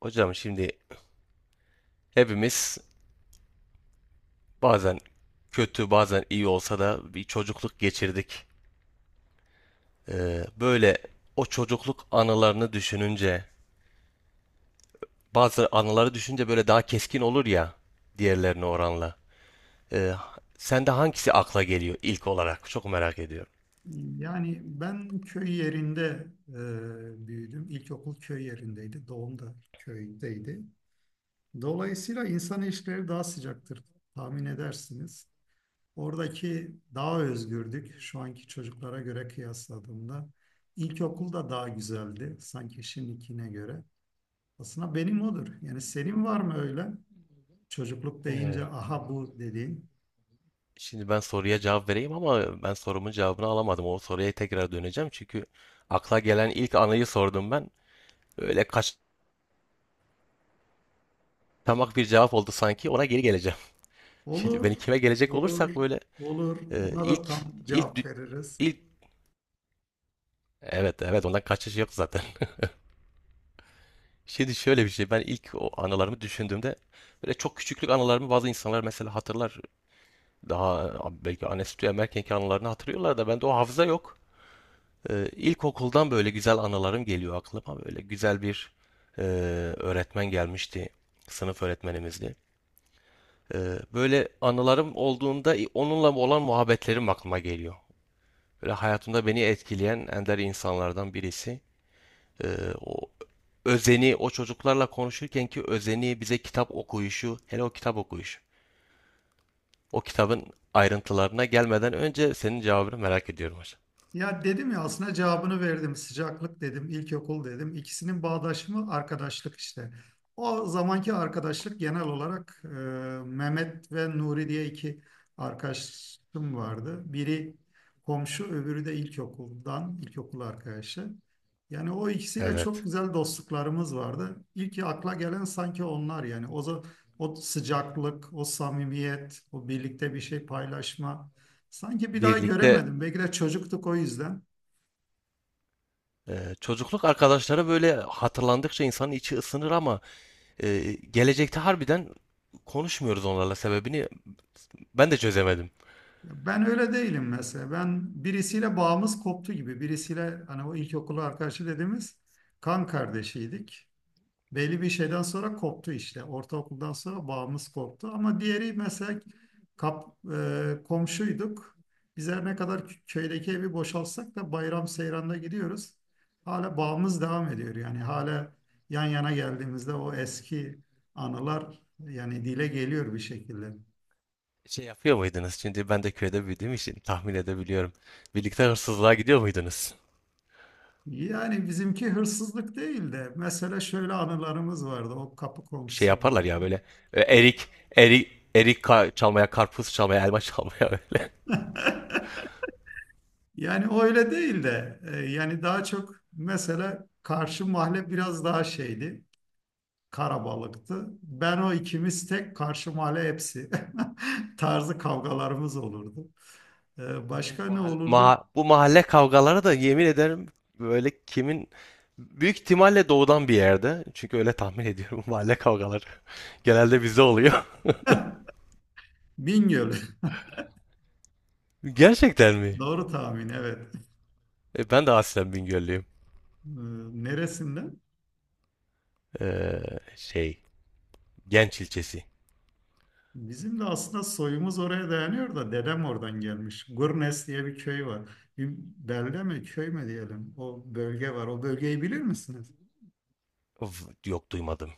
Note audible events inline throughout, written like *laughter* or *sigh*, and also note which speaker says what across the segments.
Speaker 1: Hocam şimdi hepimiz bazen kötü bazen iyi olsa da bir çocukluk geçirdik. Böyle o çocukluk anılarını düşününce bazı anıları düşünce böyle daha keskin olur ya diğerlerine oranla. Ee, Sende hangisi akla geliyor ilk olarak? Çok merak ediyorum.
Speaker 2: Yani ben köy yerinde büyüdüm. İlkokul köy yerindeydi. Doğum da köydeydi. Dolayısıyla insan ilişkileri daha sıcaktır tahmin edersiniz. Oradaki daha özgürdük şu anki çocuklara göre kıyasladığımda. İlkokul da daha güzeldi sanki şimdikine göre. Aslında benim odur. Yani senin var mı öyle? Çocukluk
Speaker 1: Ee,
Speaker 2: deyince aha bu dediğin.
Speaker 1: Şimdi ben soruya cevap vereyim ama ben sorumun cevabını alamadım. O soruya tekrar döneceğim çünkü akla gelen ilk anıyı sordum ben. Öyle kaçamak bir cevap oldu sanki. Ona geri geleceğim. Şimdi
Speaker 2: Olur,
Speaker 1: ben ikime gelecek
Speaker 2: olur,
Speaker 1: olursak böyle
Speaker 2: olur.
Speaker 1: e,
Speaker 2: Ona da
Speaker 1: ilk
Speaker 2: tam
Speaker 1: ilk
Speaker 2: cevap
Speaker 1: dü-
Speaker 2: veririz.
Speaker 1: ilk evet evet ondan kaçış yok zaten. *laughs* Şimdi şöyle bir şey ben ilk o anılarımı düşündüğümde böyle çok küçüklük anılarımı bazı insanlar mesela hatırlar. Daha belki anne sütü emerkenki anılarını hatırlıyorlar da bende o hafıza yok. İlkokuldan böyle güzel anılarım geliyor aklıma. Böyle güzel bir e, öğretmen gelmişti. Sınıf öğretmenimizdi. E, böyle anılarım olduğunda onunla olan muhabbetlerim aklıma geliyor. Böyle hayatımda beni etkileyen ender insanlardan birisi. Ee, O özeni, o çocuklarla konuşurken ki özeni bize kitap okuyuşu, hele o kitap okuyuşu. O kitabın ayrıntılarına gelmeden önce senin cevabını merak ediyorum hocam.
Speaker 2: Ya dedim ya aslında cevabını verdim. Sıcaklık dedim, ilkokul dedim. İkisinin bağdaşımı arkadaşlık işte. O zamanki arkadaşlık genel olarak Mehmet ve Nuri diye iki arkadaşım vardı. Biri komşu, öbürü de ilkokuldan, ilkokul arkadaşı. Yani o ikisiyle çok
Speaker 1: Evet.
Speaker 2: güzel dostluklarımız vardı. İlk akla gelen sanki onlar yani. O sıcaklık, o samimiyet, o birlikte bir şey paylaşma. Sanki bir daha
Speaker 1: Birlikte
Speaker 2: göremedim. Belki de çocuktuk o yüzden.
Speaker 1: çocukluk arkadaşları böyle hatırlandıkça insanın içi ısınır ama gelecekte harbiden konuşmuyoruz onlarla sebebini ben de çözemedim.
Speaker 2: Ya ben öyle değilim mesela. Ben birisiyle bağımız koptu gibi. Birisiyle hani o ilkokulu arkadaşı dediğimiz kan kardeşiydik. Belli bir şeyden sonra koptu işte. Ortaokuldan sonra bağımız koptu. Ama diğeri mesela kap, komşuyduk. Biz her ne kadar köydeki evi boşaltsak da bayram seyranda gidiyoruz. Hala bağımız devam ediyor. Yani hala yan yana geldiğimizde o eski anılar yani dile geliyor bir şekilde.
Speaker 1: Şey yapıyor muydunuz? Şimdi ben de köyde büyüdüğüm için tahmin edebiliyorum. Birlikte hırsızlığa gidiyor muydunuz?
Speaker 2: Yani bizimki hırsızlık değil de mesela şöyle anılarımız vardı o kapı
Speaker 1: Şey
Speaker 2: komşusu
Speaker 1: yaparlar ya
Speaker 2: olanla.
Speaker 1: böyle e, erik erik çalmaya, karpuz çalmaya, elma çalmaya *laughs* böyle.
Speaker 2: *laughs* Yani o öyle değil de yani daha çok mesela karşı mahalle biraz daha şeydi. Karabalıktı. Ben o ikimiz tek karşı mahalle hepsi *laughs* tarzı kavgalarımız olurdu. E,
Speaker 1: Bu
Speaker 2: Başka ne
Speaker 1: mahalle,
Speaker 2: olurdu?
Speaker 1: bu mahalle kavgaları da yemin ederim böyle kimin büyük ihtimalle doğudan bir yerde. Çünkü öyle tahmin ediyorum *laughs* mahalle kavgaları genelde bizde oluyor. *laughs*
Speaker 2: Bingöl.
Speaker 1: Gerçekten
Speaker 2: *laughs*
Speaker 1: mi?
Speaker 2: Doğru tahmin, evet.
Speaker 1: E, ben de aslen Bingöllüyüm.
Speaker 2: E, Neresinden?
Speaker 1: Ee, şey, Genç ilçesi.
Speaker 2: Bizim de aslında soyumuz oraya dayanıyor da dedem oradan gelmiş. Gurnes diye bir köy var. Bir belde mi köy mü diyelim o bölge var. O bölgeyi bilir misiniz?
Speaker 1: Of, yok duymadım.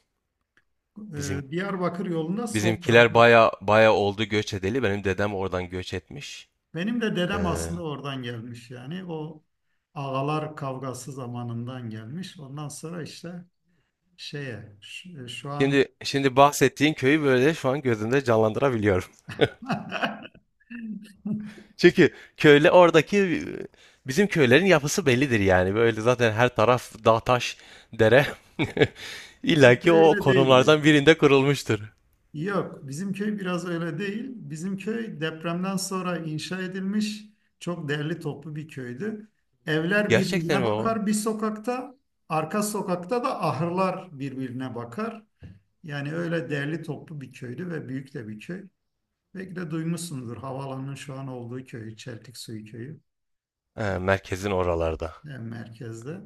Speaker 1: Bizim
Speaker 2: Diyarbakır yolunda sol
Speaker 1: bizimkiler
Speaker 2: tarafadır.
Speaker 1: baya baya oldu göç edeli. Benim dedem oradan göç etmiş.
Speaker 2: Benim de dedem
Speaker 1: Ee,
Speaker 2: aslında oradan gelmiş yani. O ağalar kavgası zamanından gelmiş. Ondan sonra işte şeye şu, şu an
Speaker 1: şimdi bahsettiğin köyü böyle şu an gözümde canlandırabiliyorum. *laughs*
Speaker 2: *laughs*
Speaker 1: Çünkü köyle oradaki bizim köylerin yapısı bellidir yani. Böyle zaten her taraf dağ taş dere. *laughs* İlla
Speaker 2: bizim köy
Speaker 1: ki o
Speaker 2: öyle değildi.
Speaker 1: konumlardan birinde kurulmuştur.
Speaker 2: Yok, bizim köy biraz öyle değil. Bizim köy depremden sonra inşa edilmiş çok değerli toplu bir köydü. Evler
Speaker 1: Gerçekten
Speaker 2: birbirine
Speaker 1: mi o?
Speaker 2: bakar bir sokakta, arka sokakta da ahırlar birbirine bakar. Yani öyle değerli toplu bir köydü ve büyük de bir köy. Belki de duymuşsunuzdur havaalanının şu an olduğu köy, Çeltik Suyu Köyü e,
Speaker 1: He, merkezin oralarda.
Speaker 2: en merkezde.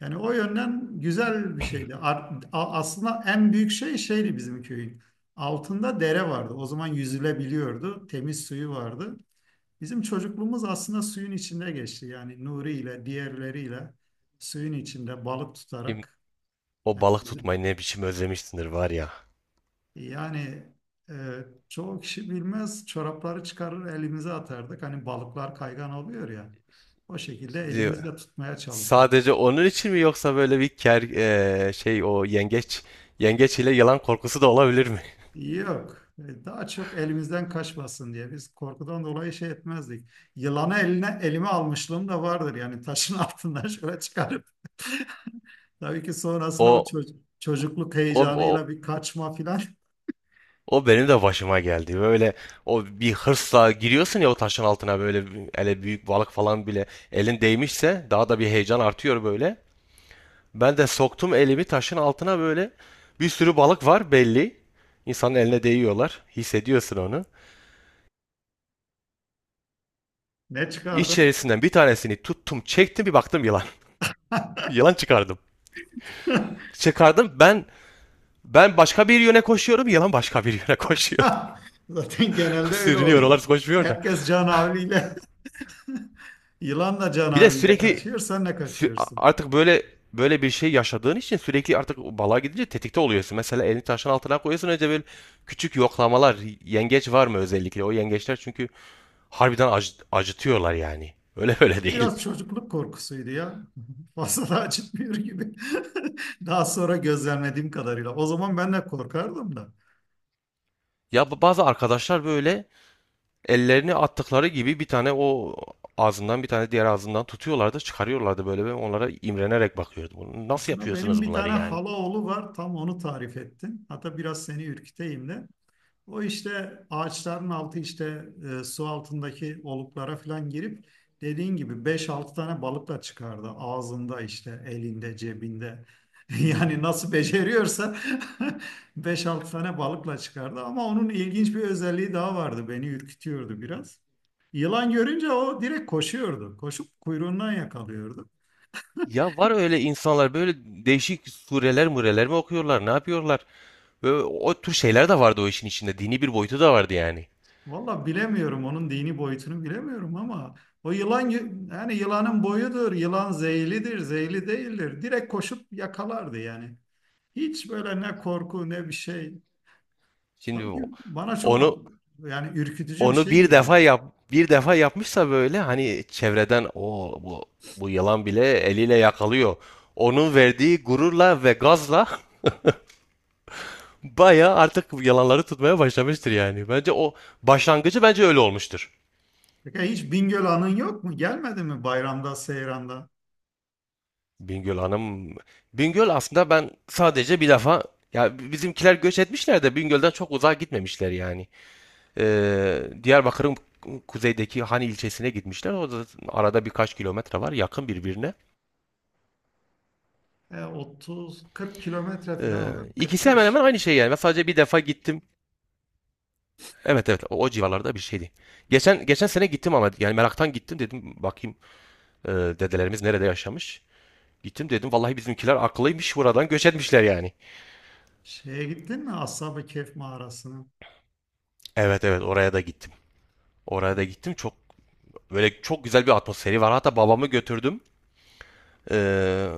Speaker 2: Yani o yönden güzel bir şeydi. Aslında en büyük şey şeydi bizim köyün. Altında dere vardı. O zaman yüzülebiliyordu. Temiz suyu vardı. Bizim çocukluğumuz aslında suyun içinde geçti. Yani Nuri ile diğerleriyle suyun içinde balık
Speaker 1: Şimdi
Speaker 2: tutarak.
Speaker 1: o
Speaker 2: Yani
Speaker 1: balık
Speaker 2: bizim-
Speaker 1: tutmayı ne biçim özlemişsindir var ya.
Speaker 2: Yani e, çoğu kişi bilmez çorapları çıkarır elimize atardık. Hani balıklar kaygan oluyor ya. O şekilde
Speaker 1: Şimdi
Speaker 2: elimizle tutmaya çalışırdık.
Speaker 1: sadece onun için mi yoksa böyle bir ker e, şey o yengeç yengeç ile yılan korkusu da olabilir mi?
Speaker 2: Yok. Daha çok elimizden kaçmasın diye biz korkudan dolayı şey etmezdik. Yılanı elime almışlığım da vardır yani taşın *laughs* altından şöyle çıkarıp. Tabii ki sonrasında o
Speaker 1: O
Speaker 2: çocukluk
Speaker 1: o, o
Speaker 2: heyecanıyla bir kaçma filan.
Speaker 1: O benim de başıma geldi. Böyle o bir hırsla giriyorsun ya o taşın altına böyle hele büyük balık falan bile elin değmişse daha da bir heyecan artıyor böyle. Ben de soktum elimi taşın altına böyle bir sürü balık var belli. İnsanın eline değiyorlar. Hissediyorsun onu.
Speaker 2: Ne çıkardın?
Speaker 1: İçerisinden bir tanesini tuttum, çektim bir baktım yılan. *laughs* Yılan çıkardım.
Speaker 2: *laughs*
Speaker 1: Çıkardım ben başka bir yöne koşuyorum, yılan başka bir yöne *laughs* koşuyor.
Speaker 2: Zaten
Speaker 1: *laughs*
Speaker 2: genelde öyle
Speaker 1: Sürünüyor,
Speaker 2: oluyor.
Speaker 1: onlar koşmuyor da.
Speaker 2: Herkes canavliyle, *laughs* yılanla da
Speaker 1: Bir de
Speaker 2: canavliyle
Speaker 1: sürekli
Speaker 2: kaçıyor, sen ne
Speaker 1: Sü-
Speaker 2: kaçıyorsun.
Speaker 1: artık böyle bir şey yaşadığın için sürekli artık balığa gidince tetikte oluyorsun. Mesela elini taşın altına koyuyorsun önce böyle küçük yoklamalar. Yengeç var mı özellikle? O yengeçler çünkü harbiden acıtıyorlar yani. *laughs* Öyle böyle
Speaker 2: Hani
Speaker 1: değil. *laughs*
Speaker 2: biraz çocukluk korkusuydu ya. *laughs* Fazla da acıtmıyor gibi. *laughs* Daha sonra gözlemlediğim kadarıyla. O zaman ben de korkardım da.
Speaker 1: Ya bu bazı arkadaşlar böyle ellerini attıkları gibi bir tane o ağzından bir tane diğer ağzından tutuyorlardı, çıkarıyorlardı böyle. Ben onlara imrenerek bakıyordum. Bunu nasıl
Speaker 2: Aslında benim
Speaker 1: yapıyorsunuz
Speaker 2: bir
Speaker 1: bunları
Speaker 2: tane
Speaker 1: yani?
Speaker 2: hala oğlu var. Tam onu tarif ettin. Hatta biraz seni ürküteyim de. O işte ağaçların altı işte su altındaki oluklara falan girip dediğin gibi beş altı tane balıkla çıkardı. Ağzında işte elinde cebinde. *laughs* Yani nasıl beceriyorsa *laughs* beş altı tane balıkla çıkardı. Ama onun ilginç bir özelliği daha vardı. Beni ürkütüyordu biraz. Yılan görünce o direkt koşuyordu. Koşup kuyruğundan yakalıyordu.
Speaker 1: Ya var öyle insanlar böyle değişik sureler mureler mi okuyorlar, ne yapıyorlar? Ve o tür şeyler de vardı o işin içinde. Dini bir boyutu da vardı yani.
Speaker 2: Valla bilemiyorum onun dini boyutunu bilemiyorum ama yani yılanın boyudur, yılan zehirlidir, zehirli değildir. Direkt koşup yakalardı yani. Hiç böyle ne korku ne bir şey.
Speaker 1: Şimdi
Speaker 2: Tabii ki bana çok
Speaker 1: onu
Speaker 2: yani ürkütücü bir
Speaker 1: onu
Speaker 2: şey geliyor.
Speaker 1: bir defa yapmışsa böyle hani çevreden o bu bu yılan bile eliyle yakalıyor. Onun verdiği gururla ve gazla *laughs* bayağı artık yalanları tutmaya başlamıştır yani. Bence o başlangıcı bence öyle olmuştur.
Speaker 2: Peki hiç Bingöl anın yok mu? Gelmedi mi bayramda, seyranda?
Speaker 1: Bingöl Hanım Bingöl aslında ben sadece bir defa ya bizimkiler göç etmişler de Bingöl'den çok uzağa gitmemişler yani. Diyarbakır'ın kuzeydeki Hani ilçesine gitmişler. O da arada birkaç kilometre var yakın birbirine.
Speaker 2: 30-40 kilometre
Speaker 1: Ee,
Speaker 2: falan var.
Speaker 1: ikisi hemen
Speaker 2: 45.
Speaker 1: hemen aynı şey yani. Ben sadece bir defa gittim. Evet evet o civarlarda bir şeydi. Geçen sene gittim ama yani meraktan gittim dedim bakayım dedelerimiz nerede yaşamış. Gittim dedim vallahi bizimkiler akıllıymış buradan göç etmişler yani.
Speaker 2: Şeye gittin mi? Ashab-ı Kehf mağarasına.
Speaker 1: Evet evet oraya da gittim. Oraya da gittim çok böyle çok güzel bir atmosferi var. Hatta babamı götürdüm. Ee,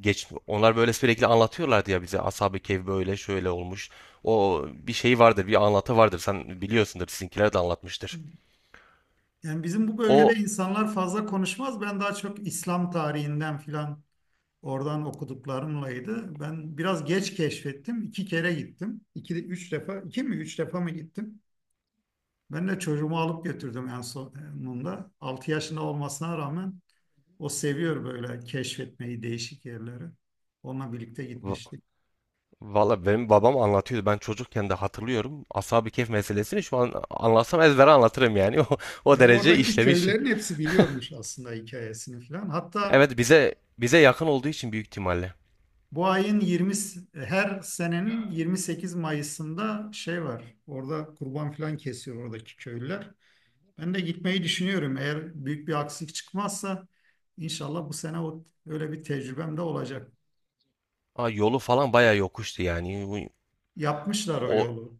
Speaker 1: Geç onlar böyle sürekli anlatıyorlardı ya bize Ashab-ı Kehf böyle şöyle olmuş. O bir şey vardır, bir anlatı vardır. Sen biliyorsundur, sizinkiler de anlatmıştır.
Speaker 2: Yani bizim bu bölgede
Speaker 1: O
Speaker 2: insanlar fazla konuşmaz. Ben daha çok İslam tarihinden filan oradan okuduklarımlaydı. Ben biraz geç keşfettim. İki kere gittim. İki, üç defa, iki mi üç defa mı gittim? Ben de çocuğumu alıp götürdüm en sonunda. Altı yaşında olmasına rağmen o seviyor böyle keşfetmeyi, değişik yerleri. Onunla birlikte
Speaker 1: v-
Speaker 2: gitmiştik.
Speaker 1: Valla benim babam anlatıyordu. Ben çocukken de hatırlıyorum. Ashab-ı Kehf meselesini şu an anlatsam ezbere anlatırım yani. *laughs* O derece
Speaker 2: Oradaki
Speaker 1: işlemiş.
Speaker 2: köylerin hepsi biliyormuş aslında hikayesini filan. Hatta
Speaker 1: Evet bize yakın olduğu için büyük ihtimalle.
Speaker 2: bu ayın 20, her senenin 28 Mayıs'ında şey var. Orada kurban falan kesiyor oradaki köylüler. Ben de gitmeyi düşünüyorum. Eğer büyük bir aksilik çıkmazsa inşallah bu sene o, öyle bir tecrübem de olacak.
Speaker 1: Aa, yolu falan bayağı yokuştu yani.
Speaker 2: Yapmışlar o
Speaker 1: O
Speaker 2: yolu.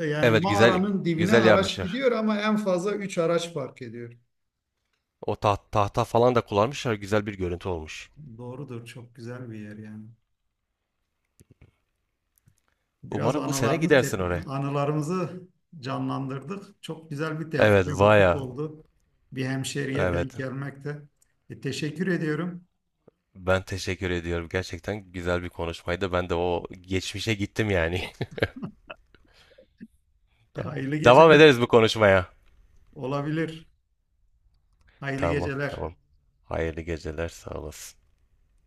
Speaker 2: Yani
Speaker 1: evet,
Speaker 2: mağaranın dibine
Speaker 1: güzel
Speaker 2: araç
Speaker 1: yapmışlar.
Speaker 2: gidiyor ama en fazla 3 araç park ediyor.
Speaker 1: Tahta falan da kullanmışlar. Güzel bir görüntü olmuş.
Speaker 2: Doğrudur. Çok güzel bir yer yani. Biraz
Speaker 1: Umarım bu sene
Speaker 2: anılarımız
Speaker 1: gidersin oraya.
Speaker 2: anılarımızı canlandırdık. Çok güzel bir
Speaker 1: Evet,
Speaker 2: tevafuk
Speaker 1: Vaya.
Speaker 2: oldu. Bir hemşeriye denk
Speaker 1: Evet.
Speaker 2: gelmekte. Teşekkür ediyorum.
Speaker 1: Ben teşekkür ediyorum. Gerçekten güzel bir konuşmaydı. Ben de o geçmişe gittim yani. *laughs* Tamam.
Speaker 2: Hayırlı
Speaker 1: Devam
Speaker 2: geceler.
Speaker 1: ederiz bu konuşmaya.
Speaker 2: Olabilir. Hayırlı
Speaker 1: Tamam,
Speaker 2: geceler.
Speaker 1: tamam. Hayırlı geceler, sağ olasın.